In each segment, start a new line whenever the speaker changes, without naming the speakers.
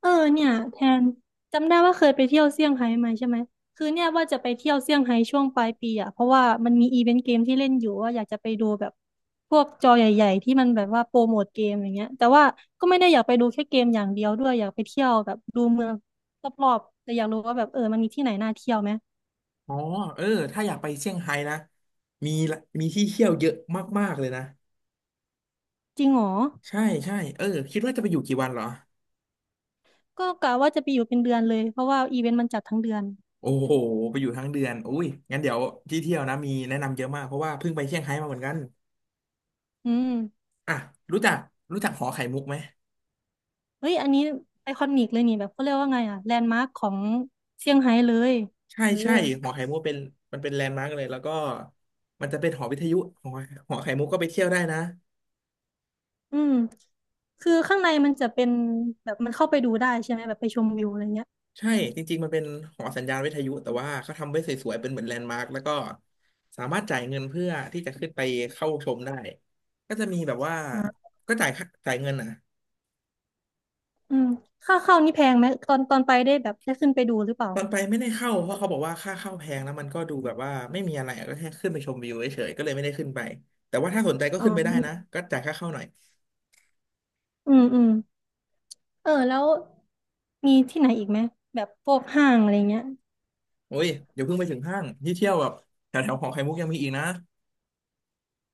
เออเนี่ยแทนจำได้ว่าเคยไปเที่ยวเซี่ยงไฮ้มาใช่ไหมคือเนี่ยว่าจะไปเที่ยวเซี่ยงไฮ้ช่วงปลายปีอ่ะเพราะว่ามันมีอีเวนต์เกมที่เล่นอยู่ว่าอยากจะไปดูแบบพวกจอใหญ่ๆที่มันแบบว่าโปรโมทเกมอย่างเงี้ยแต่ว่าก็ไม่ได้อยากไปดูแค่เกมอย่างเดียวด้วยอยากไปเที่ยวแบบดูเมืองรอบๆแต่อยากรู้ว่าแบบมันมีที่ไหนน่าเที่ยวไหม
อ๋อเออถ้าอยากไปเซี่ยงไฮ้นะมีละมีที่เที่ยวเยอะมากๆเลยนะ
จริงเหรอ
ใช่ใช่เออคิดว่าจะไปอยู่กี่วันเหรอ
ก็กะว่าจะไปอยู่เป็นเดือนเลยเพราะว่าอีเวนต์มันจัดทั้งเดือน
โอ้โหไปอยู่ทั้งเดือนอุ้ยงั้นเดี๋ยวที่เที่ยวนะมีแนะนำเยอะมากเพราะว่าเพิ่งไปเซี่ยงไฮ้มาเหมือนกัน
อืม
อ่ะรู้จักรู้จักหอไข่มุกไหม
เฮ้ยอันนี้ไอคอนิกเลยนี่แบบเขาเรียกว่าไงอ่ะแลนด์มาร์คของเซี่ยงไฮ้เลย
ใช่
เออ
ใช่หอไข่มุกเป็นมันเป็นแลนด์มาร์กเลยแล้วก็มันจะเป็นหอวิทยุหอหอไข่มุกก็ไปเที่ยวได้นะ
อืมคือข้างในมันจะเป็นแบบมันเข้าไปดูได้ใช่ไหมแบบไปชมวิวอะไรเงี้ย
ใช่จริงๆมันเป็นหอสัญญาณวิทยุแต่ว่าเขาทำไว้สวยๆเป็นเหมือนแลนด์มาร์คแล้วก็สามารถจ่ายเงินเพื่อที่จะขึ้นไปเข้าชมได้ก็จะมีแบบว่า
อ่า
ก็จ่ายค่าจ่ายเงินอ่ะ
อืมค่าเข้านี่แพงไหมตอนไปได้แบบได้ขึ้นไปดูหรือเปล่า
ตอนไปไม่ได้เข้าเพราะเขาบอกว่าค่าเข้าแพงแล้วมันก็ดูแบบว่าไม่มีอะไรอะก็แค่ขึ้นไปชมวิวเฉยๆก็เลยไม่ได้ขึ้นไปแต่ว่าถ้าสนใจก็
อ๋อ
ขึ้นไปได้นะก็จ่ายค่าเข้าหน่อย
อืมอืมเออแล้วมีที่ไหนอีกไหมแบบพวกห้างอะไรเงี้ย
โอ้ยเดี๋ยวเพิ่งไปถึงห้างที่เที่ยวแบบแถวๆหอไข่มุกยังมีอีกนะ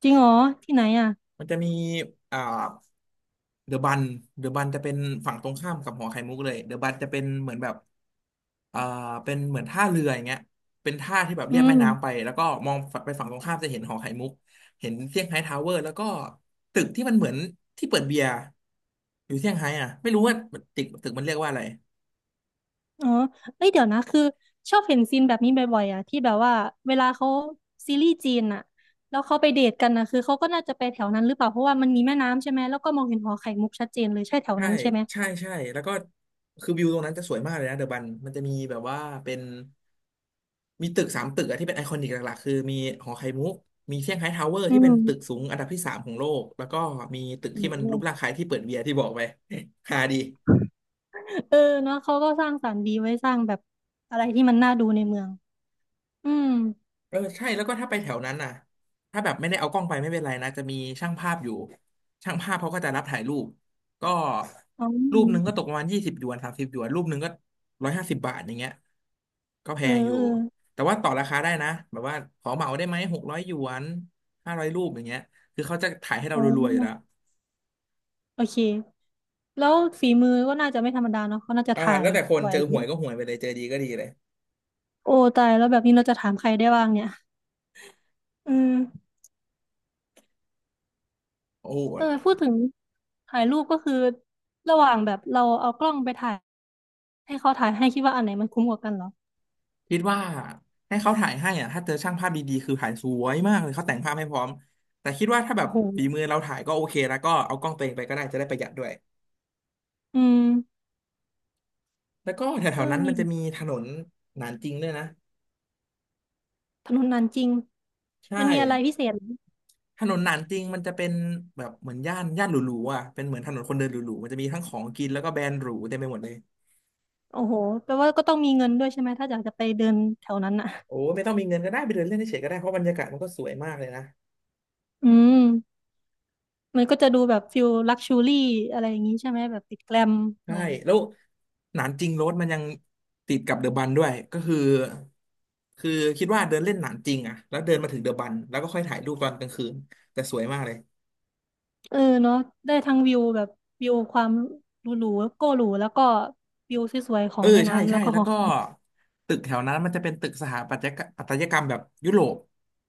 จริงเหรอที่ไหนอ่ะ
มันจะมีอ่า เดอะบันเดอะบันจะเป็นฝั่งตรงข้ามกับหอไข่มุกเลย เดอะบันจะเป็นเหมือนแบบเอ่าเป็นเหมือนท่าเรืออย่างเงี้ยเป็นท่าที่แบบเรี
อื
ยบแม่น้ำไป
ม
แล้วก็มองไปฝั่งตรงข้ามจะเห็นหอไข่มุกเห็นเซี่ยงไฮ้ทาวเวอร์แล้วก็ตึกที่มันเหมือนที่เปิดเบียร์อยู่เซี่ยงไฮ้อ่ะไม่รู้ว่าตึกมันเรียกว่าอะไร
อ๋อเอ้ยเดี๋ยวนะคือชอบเห็นซีนแบบนี้บ่อยๆอ่ะที่แบบว่าเวลาเขาซีรีส์จีนอ่ะแล้วเขาไปเดทกันนะคือเขาก็น่าจะไปแถวนั้นหรือเปล่าเพราะว่ามันมีแม่น้ำใช่ไหมแล้วก็มองเห็นหอไข่มุกชัดเจนเลยใช่แถว
ใช่
นั้นใช่ไหม
ใช่ใช่แล้วก็คือวิวตรงนั้นจะสวยมากเลยนะเดอะบันมันจะมีแบบว่าเป็น มีตึกสามตึกอะที่เป็นไอคอนิกหลักๆคือมีหอไข่มุกมีเซี่ยงไฮ้ทาวเวอร์
อื
ที่เป็นตึก
ม
สูงอันดับที่สามของโลกแล้วก็มีตึก
อื
ที่มันรูป
ม
ร่างคล้ายที่เปิดเบียร์ที่บอกไป ฮาดี
เออเนาะเขาก็สร้างสรรค์ดีไว้สร้างแบบอะไรที่มันน่าดูในเมืองอืม
เออใช่แล้วก็ถ้าไปแถวนั้นน่ะถ้าแบบไม่ได้เอากล้องไปไม่เป็นไรนะจะมีช่างภาพอยู่ช่างภาพเขาก็จะรับถ่ายรูปก็
อ๋อ
รูปหนึ่งก็ตกประมาณ20 หยวน30 หยวนรูปหนึ่งก็150 บาทอย่างเงี้ยก็แพ
เออ
งอยู่
เออ
แต่ว่าต่อราคาได้นะแบบว่าขอเหมาได้ไหม600 หยวน500 รูปอย่างเงี้ยคือเขาจะถ่ายให้เรา
อ๋
รัวๆอยู่แล้ว
อโอเคแล้วฝีมือก็น่าจะไม่ธรรมดาเนาะเขาน่าจะ
อ่า
ถ่า
แล้
ย
วแต่คน
บ่อ
เจ
ย
อ
เล
หวยก็
ย
หวยไปเลยเจอดีก็ดีเลย
โอ้ตายแล้วแบบนี้เราจะถามใครได้บ้างเนี่ยอืม
โอ้โห
เออพูดถึงถ่ายรูปก็คือระหว่างแบบเราเอากล้องไปถ่ายให้เขาถ่ายให้คิดว่าอันไหนมันคุ้มกว่ากันเหรอ
คิดว่าให้เขาถ่ายให้อ่ะถ้าเจอช่างภาพดีๆคือถ่ายสวยมากเลยเขาแต่งภาพให้พร้อมแต่คิดว่าถ้าแบบ
โอ้โห
ฝีมือเราถ่ายก็โอเคแล้วก็เอากล้องตัวเองไปก็ได้จะได้ประหยัดด้วย
อืม
แล้วก็แถ
เออ
วๆนั้นมั
นี่
นจะมีถนนหนานจริงด้วยนะ
ถนนนานจริง
ใช่
มันมีอะไรพิเศษ
ถนนหนานจริงมันจะเป็นแบบเหมือนย่านย่านหรูๆอ่ะเป็นเหมือนถนนคนเดินหรูๆมันจะมีทั้งของกินแล้วก็แบรนด์หรูเต็มไปหมดเลย
โอ้โหแปลว่าก็ต้องมีเงินด้วยใช่ไหม ถ้าอยากจะไปเดินแถวนั้นอ่ะ
โอ้ไม่ต้องมีเงินก็ได้ไปเดินเล่นเฉยๆก็ได้เพราะบรรยากาศมันก็สวยมากเลยนะ
อืม มันก็จะดูแบบฟิลลักชูรี่อะไรอย่างนี้ใช่ไหม แบบติดแกลมห
ใช่
น่อย
แล้วหนานจริงโรดมันยังติดกับเดอะบันด้วยก็คือคือคิดว่าเดินเล่นหนานจริงอะแล้วเดินมาถึงเดอะบันแล้วก็ค่อยถ่ายรูปตอนกลางคืนแต่สวยมากเลย
เออเนาะได้ทั้งวิวแบบวิวความหรูๆโก้หรูแล้วก็วิวสวยๆขอ
เอ
ง
อ
แม่
ใช่
น้ำแล้
ใช่
วก็
แล้
ห
ว
อ
ก็
คอย
ตึกแถวนั้นมันจะเป็นตึกสถาปัตยกรรมปัตยกรรมแบบยุโรป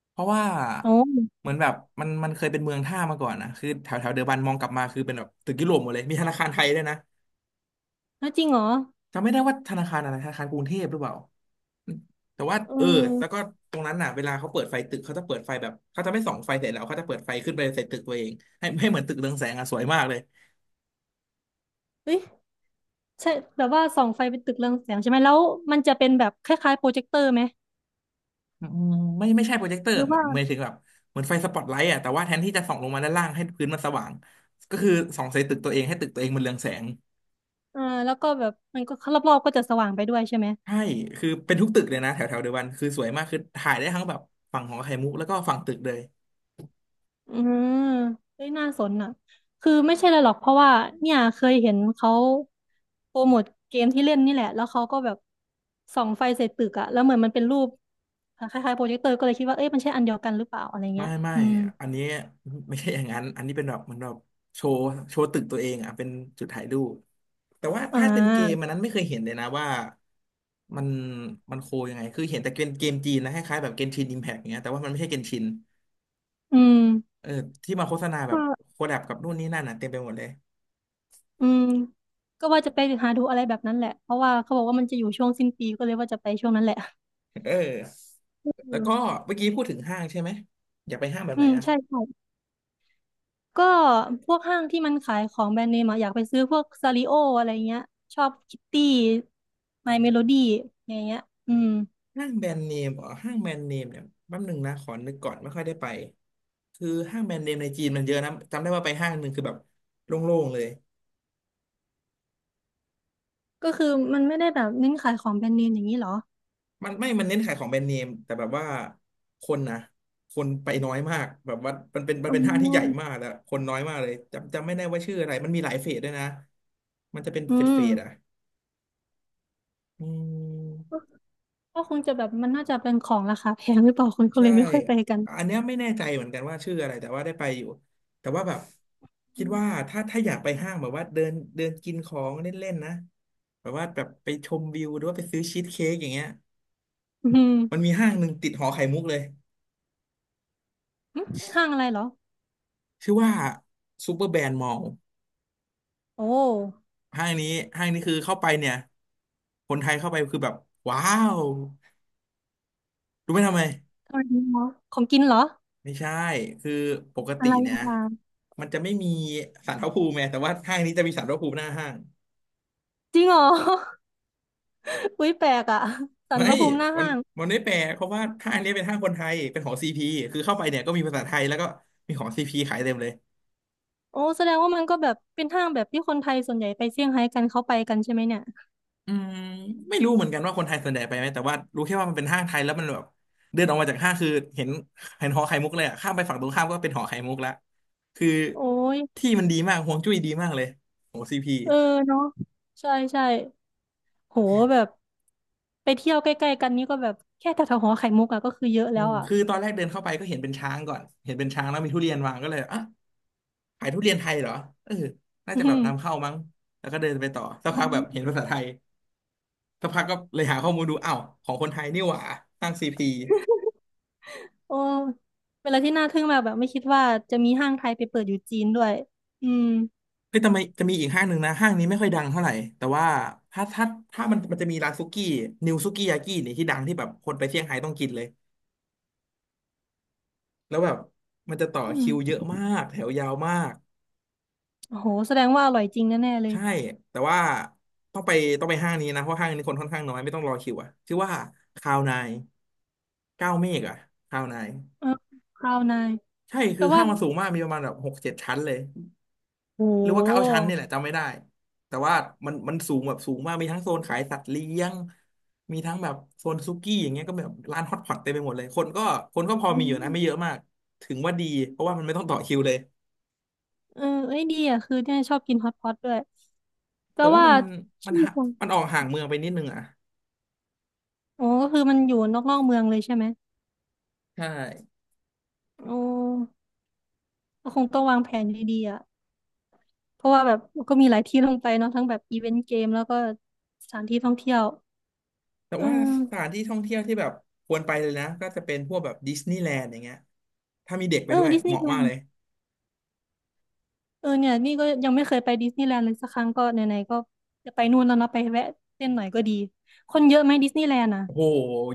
เพราะว่า
โอ้
เหมือนแบบมันเคยเป็นเมืองท่ามาก่อนนะคือแถวแถวเดอะบันมองกลับมาคือเป็นแบบตึกยุโรปหมดเลยมีธนาคารไทยด้วยนะ
แล้วจริงเหรอ
จำไม่ได้ว่าธนาคารอะไรธนาคารกรุงเทพหรือเปล่าแต่ว่า
เอ
เออ
อ
แล้วก็ตรงนั้นน่ะเวลาเขาเปิดไฟตึกเขาจะเปิดไฟแบบเขาจะไม่ส่องไฟเสร็จแล้วเขาจะเปิดไฟขึ้นไปใส่ตึกตัวเองให้ให้เหมือนตึกเรืองแสงอ่ะสวยมากเลย
เอ้ยใช่แบบว่าส่องไฟเป็นตึกเรืองแสงใช่ไหม แล้วมันจะเป็นแบบคล้ายๆโปรเจคเตอร์ไหม
อืมไม่ไม่ใช่โปรเจคเตอ
ห
ร์
รือว่า
หมายถึงแบบเหมือนไฟสปอตไลท์อ่ะแต่ว่าแทนที่จะส่องลงมาด้านล่างให้พื้นมันสว่างก็คือส่องใส่ตึกตัวเองให้ตึกตัวเองมันเรืองแสง
เออแล้วก็แบบมันก็รอบๆก็จะสว่างไปด้วยใช่ไหม
ใช่คือเป็นทุกตึกเลยนะแถวแถวเดยวกันคือสวยมากคือถ่ายได้ทั้งแบบฝั่งของไข่มุกแล้วก็ฝั่งตึกเลย
อืมเฮ้ยน่าสนอ่ะคือไม่ใช่เลยหรอกเพราะว่าเนี่ยเคยเห็นเขาโปรโมทเกมที่เล่นนี่แหละแล้วเขาก็แบบส่องไฟใส่ตึกอะแล้วเหมือนมันเป็นรูปคล้ายๆโปรเจคเตอร์ก็เลยคิดว่าเอ้ยมันใช่อันเดียวกันหรือเปล่าอะไร
ไม่
เงี้ย
ไม่
อืม
อันนี้ ไม่ใช่อย่างนั้นอันนี้เป็นแบบเหมือนแบบโชว์โชว์ตึกตัวเองอ่ะเป็นจุดถ่ายรูปแต่ว่า
อ่
ถ้าเป็นเกมอั
า
นนั้นไม่เคยเห็นเลยนะว่ามันมันโคยังไงคือเห็นแต่เกมจีนนะคล้ายๆแบบเกนชินอิมแพกเงี้ยแต่ว่ามันไม่ใช่เกนชิน
อืม
เออที่มาโฆษณาแบบ
ก็
โคแลบกับนู่นนี่นั่นอ่ะเต็มไปหมดเลย
อืมก็ว่าจะไปหาดูอะไรแบบนั้นแหละเพราะว่าเขาบอกว่ามันจะอยู่ช่วงสิ้นปีก็เลยว่าจะไปช่วงนั้นแหละ
เออ
อื
แล้วก็
ม
เมื่อกี้พูดถึงห้างใช่ไหมอยากไปห้างแบบ
อื
ไหน
ม
อ่ะ
ใช่ใช่ ก็พวกห้างที่มันขายของแบรนด์เนมอะอยากไปซื้อพวกซาริโออะไรเงี้ยชอบคิตตี้ไมเมโลดี้อย่างเงี้ยอืม
ห้างแบรนด์เนมอ๋อห้างแบรนด์เนมเนี่ยแป๊บหนึ่งนะขอนึกก่อนไม่ค่อยได้ไปคือห้างแบรนด์เนมในจีนมันเยอะนะจำได้ว่าไปห้างหนึ่งคือแบบโล่งๆเลย
ก็คือมันไม่ได้แบบเน้นขายของแบรนด์เนมอย่างนี้เหรอ
มันไม่มันเน้นขายของแบรนด์เนมแต่แบบว่าคนนะคนไปน้อยมากแบบว่ามันเป็นมัน
อ๋
เป็นห้างที่ใหญ่
อ
มากแล้วคนน้อยมากเลยจำไม่ได้ว่าชื่ออะไรมันมีหลายเฟสด้วยนะมันจะเป็น
อื
เฟสเฟ
ม
สอ่ะอื
ก็
ม
ก็คงจะแบบมันน่าจะเป็นของราคาแพงหรือเปล่าคนก็
ใช่
เลยไม่ค่อยไปกัน
อันเนี้ยไม่แน่ใจเหมือนกันว่าชื่ออะไรแต่ว่าได้ไปอยู่ แต่ว่าแบบ
อื
คิด
ม
ว่าถ้าอยากไปห้างแบบว่าเดินเดินกินของเล่นๆนะแบบว่าแบบไปชมวิวหรือว่าไปซื้อชีสเค้กอย่างเงี้ย
อืม
มันมีห้างหนึ่งติดหอไข่มุกเลย
หึห้างอะไรเหรอ
ชื่อว่าซูเปอร์แบรนด์มอลล์
โอ้
ห้างนี้ห้างนี้คือเข้าไปเนี่ยคนไทยเข้าไปคือแบบว้าวรู้ไหมทำไม
ทำไมดีเหรอของกินเหรอ
ไม่ใช่คือปก
อะ
ติ
ไร
เนี่ย
อะะ
มันจะไม่มีศาลพระภูมิไงแต่ว่าห้างนี้จะมีศาลพระภูมิหน้าห้าง
จริงเหรอ อุ๊ยแปลกอ่ะสัน
ไม่
ประภูมิหน้า
มัน
ห้าง
มันไม่แปลเพราะว่าห้างเนี้ยเป็นห้างคนไทยเป็นของซีพีคือเข้าไปเนี่ยก็มีภาษาไทยแล้วก็มีของซีพีขายเต็มเลย
โอ้แสดงว่ามันก็แบบเป็นห้างแบบที่คนไทยส่วนใหญ่ไปเซี่ยงไฮ้กันเขาไปกันใช่ไหมเนี่ย
อืมไม่รู้เหมือนกันว่าคนไทยส่วนใหญ่ไปไหมแต่ว่ารู้แค่ว่ามันเป็นห้างไทยแล้วมันแบบเดินออกมาจากห้างคือเห็นเห็นหอไข่มุกเลยอะข้ามไปฝั่งตรงข้ามก็เป็นหอไข่มุกละคือ
โอ้ย
ที่มันดีมากฮวงจุ้ยดีมากเลยของซีพี
เออเนาะใช่ใช่โหแบบไปเที่ยวใกล้ๆกันนี่ก็แบบแค่แถวๆหอไข่มุกอะก็คือเยอะ
อื
แล้ว
ม
อะ
คือตอนแรกเดินเข้าไปก็เห็นเป็นช้างก่อนเห็นเป็นช้างแล้วมีทุเรียนวางก็เลยอ่ะขายทุเรียนไทยเหรอเออน่า
อื
จะแบบ
ม
นำเข้ามั้งแล้วก็เดินไปต่อสัก
อื
พักแบบเห็นภาษา
ม
ไทย สักพักก็เลยหาข้อมูลดูอ้าวของคนไทยนี่หว่าห้างซีพี
โอ้เป็นอะไรที่น่าทึ่งมากแบบไม่คิดว่าจะมีห้างไทยไปเปิดอยู่จีนด้วยอืม
เฮ้ยทำไมจะมีอีกห้างหนึ่งนะห้างนี้ไม่ค่อยดังเท่าไหร่แต่ว่าถ้าถ้าถ้ามันจะมีร้านซุกี้นิวซุกี้ยากินี่ที่ดังที่แบบคนไปเซี่ยงไฮ้ต้องกินเลยแล้วแบบมันจะต่อ
อื
คิ
ม
วเยอะมากแถวยาวมาก
โหแสดงว่าอร่อยจริงแน่ๆเลย
ใช่แต่ว่าต้องไปต้องไปห้างนี้นะเพราะห้างนี้คนค่อนข้างน้อยไม่ต้องรอคิวอะชื่อว่าคาวนายเก้าเมฆอะคาวนาย
เออคราวนาย
ใช่คื
แต่
อ
ว่า
ห้างมันสูงมากมีประมาณแบบ6-7 ชั้นเลย
โห
หรือว่า9 ชั้นเนี่ยแหละจำไม่ได้แต่ว่ามันสูงแบบสูงมากมีทั้งโซนขายสัตว์เลี้ยงมีทั้งแบบโซนซุกี้อย่างเงี้ยก็แบบร้านฮอตพอตเต็มไปหมดเลยคนก็พอ
อื
มีอยู่นะไม่เยอะ
ม
มากถึงว่าดีเพราะว่ามันไม่ต้องต่อคิวเลย
เออเอ้ยดีอ่ะคือเนี่ยชอบกินฮอตพอตด้วย แต่
แต่ว่า
ว่า
มั
ชื่
น
อ
ห่า
ของ
มันออกห่างเมืองไปนิดนึงอ่ะ
อ๋อก็คือมันอยู่นอกนอกเมืองเลยใช่ไหม
ใช่
โอ้ก็คงต้องวางแผนดีๆอ่ะเพราะว่าแบบก็มีหลายที่ลงไปเนาะทั้งแบบอีเวนต์เกมแล้วก็สถานที่ท่องเที่ยว
แต่
เออ
ว่าสถานที่ท่องเที่ยวที่แบบควรไปเลยนะก็จะเป็นพวกแบบดิสนีย์แลนด์อย่างเงี้ยถ้ามีเด็กไป
เออ
ด้วย
ดิสนี
เห
ย์
มาะ
แล
มา
น
ก
ด์
เลย
เออเนี่ยนี่ก็ยังไม่เคยไปดิสนีย์แลนด์เลยสักครั้งก็ไหนๆก็จะไปนู่นแล้วเนาะไปแวะเล่นหน่อยก็ดีคนเยอะไหมดิสนีย์แลนด์อ่ะ
โอ้โห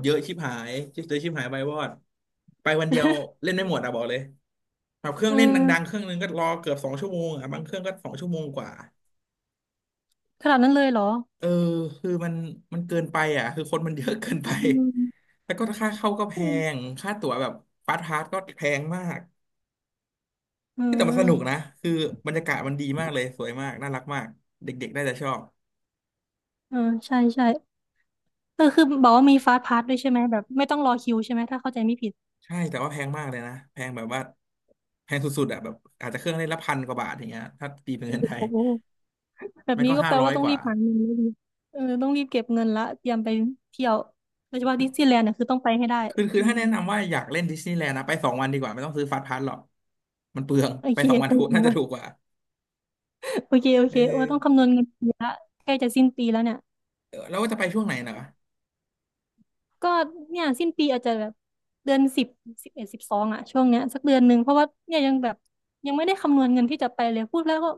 เยอะชิบหายชิบเตยชิบหายไปวอดไปวันเดียว เล่นไม่หมดอะบอกเลยแบบเครื่อ
เออ
งเล่นดังๆเครื่องนึงก็รอเกือบสองชั่วโมงอะบางเครื่องก็2 ชั่วโมงกว่า
ขนาดนั้นเลยเหรอ
เออคือมันเกินไปอ่ะคือคนมันเยอะเกินไป
อืม
แล้วก็ค่าเข้าก็แพง
เอ
ค่าตั๋วแบบฟาสต์พาสก็แพงมากเฮ้ยแต่มันสนุก
อ
นะคือบรรยากาศมันดีมากเลยสวยมากน่ารักมากเด็กๆได้จะชอบ
เออใช่ใช่เออคือบอกว่ามีฟาสต์พาสด้วยใช่ไหมแบบไม่ต้องรอคิวใช่ไหมถ้าเข้าใจไม่ผิด
ใช่แต่ว่าแพงมากเลยนะแพงแบบว่าแพงสุดๆอ่ะแบบอาจจะเครื่องเล่นละ1,000 กว่าบาทอย่างเงี้ยถ้าตีเป็นเงินไทย
โอ้โหแบบ
ไม่
นี้
ก็
ก็
ห้า
แปล
ร้อ
ว่า
ย
ต้อ
ก
งรี
ว่า
บหาเงินแล้วดิเออต้องรีบเก็บเงินละเตรียมไปเที่ยวโดยเฉพาะดิสนีย์แลนด์เนี่ยคือต้องไปให้ได้
คือคือ
อื
ถ้า
ม
แนะนำว่าอยากเล่นดิสนีย์แลนด์นะไปสองวันดีกว่าไม่ต้องซื้อฟาสต์พาสหรอก มันเปลือง
โอ
ไป
เค
2 วัน
ไป
ถูก
ถึง
น่าจะ
วัน
ถูกกว่า
โอเคโอ
เอ
เคโอ้
อ
ต้องคำนวณเงินปีละใกล้จะสิ้นปีแล้วเนี่ย
เออแล้วว่าจะไปช่วงไหนนะ
ก็เนี่ยสิ้นปีอาจจะแบบเดือนสิบ1112อะช่วงเนี้ยสักเดือนหนึ่งเพราะว่าเนี่ยยังแบบยังไม่ได้คำนวณเงินที่จะไปเลยพูดแล้วก็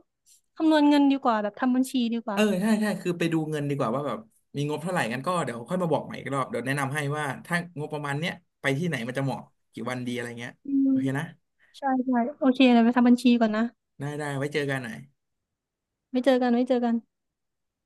คำนวณเงินดีกว่าแบบทำบัญชีดีก
เอ
ว่า
อใช่ใช่คือไปดูเงินดีกว่าว่าแบบมีงบเท่าไหร่กันก็เดี๋ยวค่อยมาบอกใหม่อีกรอบเดี๋ยวแนะนำให้ว่าถ้างบประมาณเนี้ยไปที่ไหนมันจะเหมาะกี่วันดีอะไรเงี้ย
อืม
โอเคนะ
ใช่ใช่โอเคเรไปทำบัญชีก่อนนะ
ได้ได้ไว้เจอกันหน่อย
ไม่เจอกันไม่เจอกัน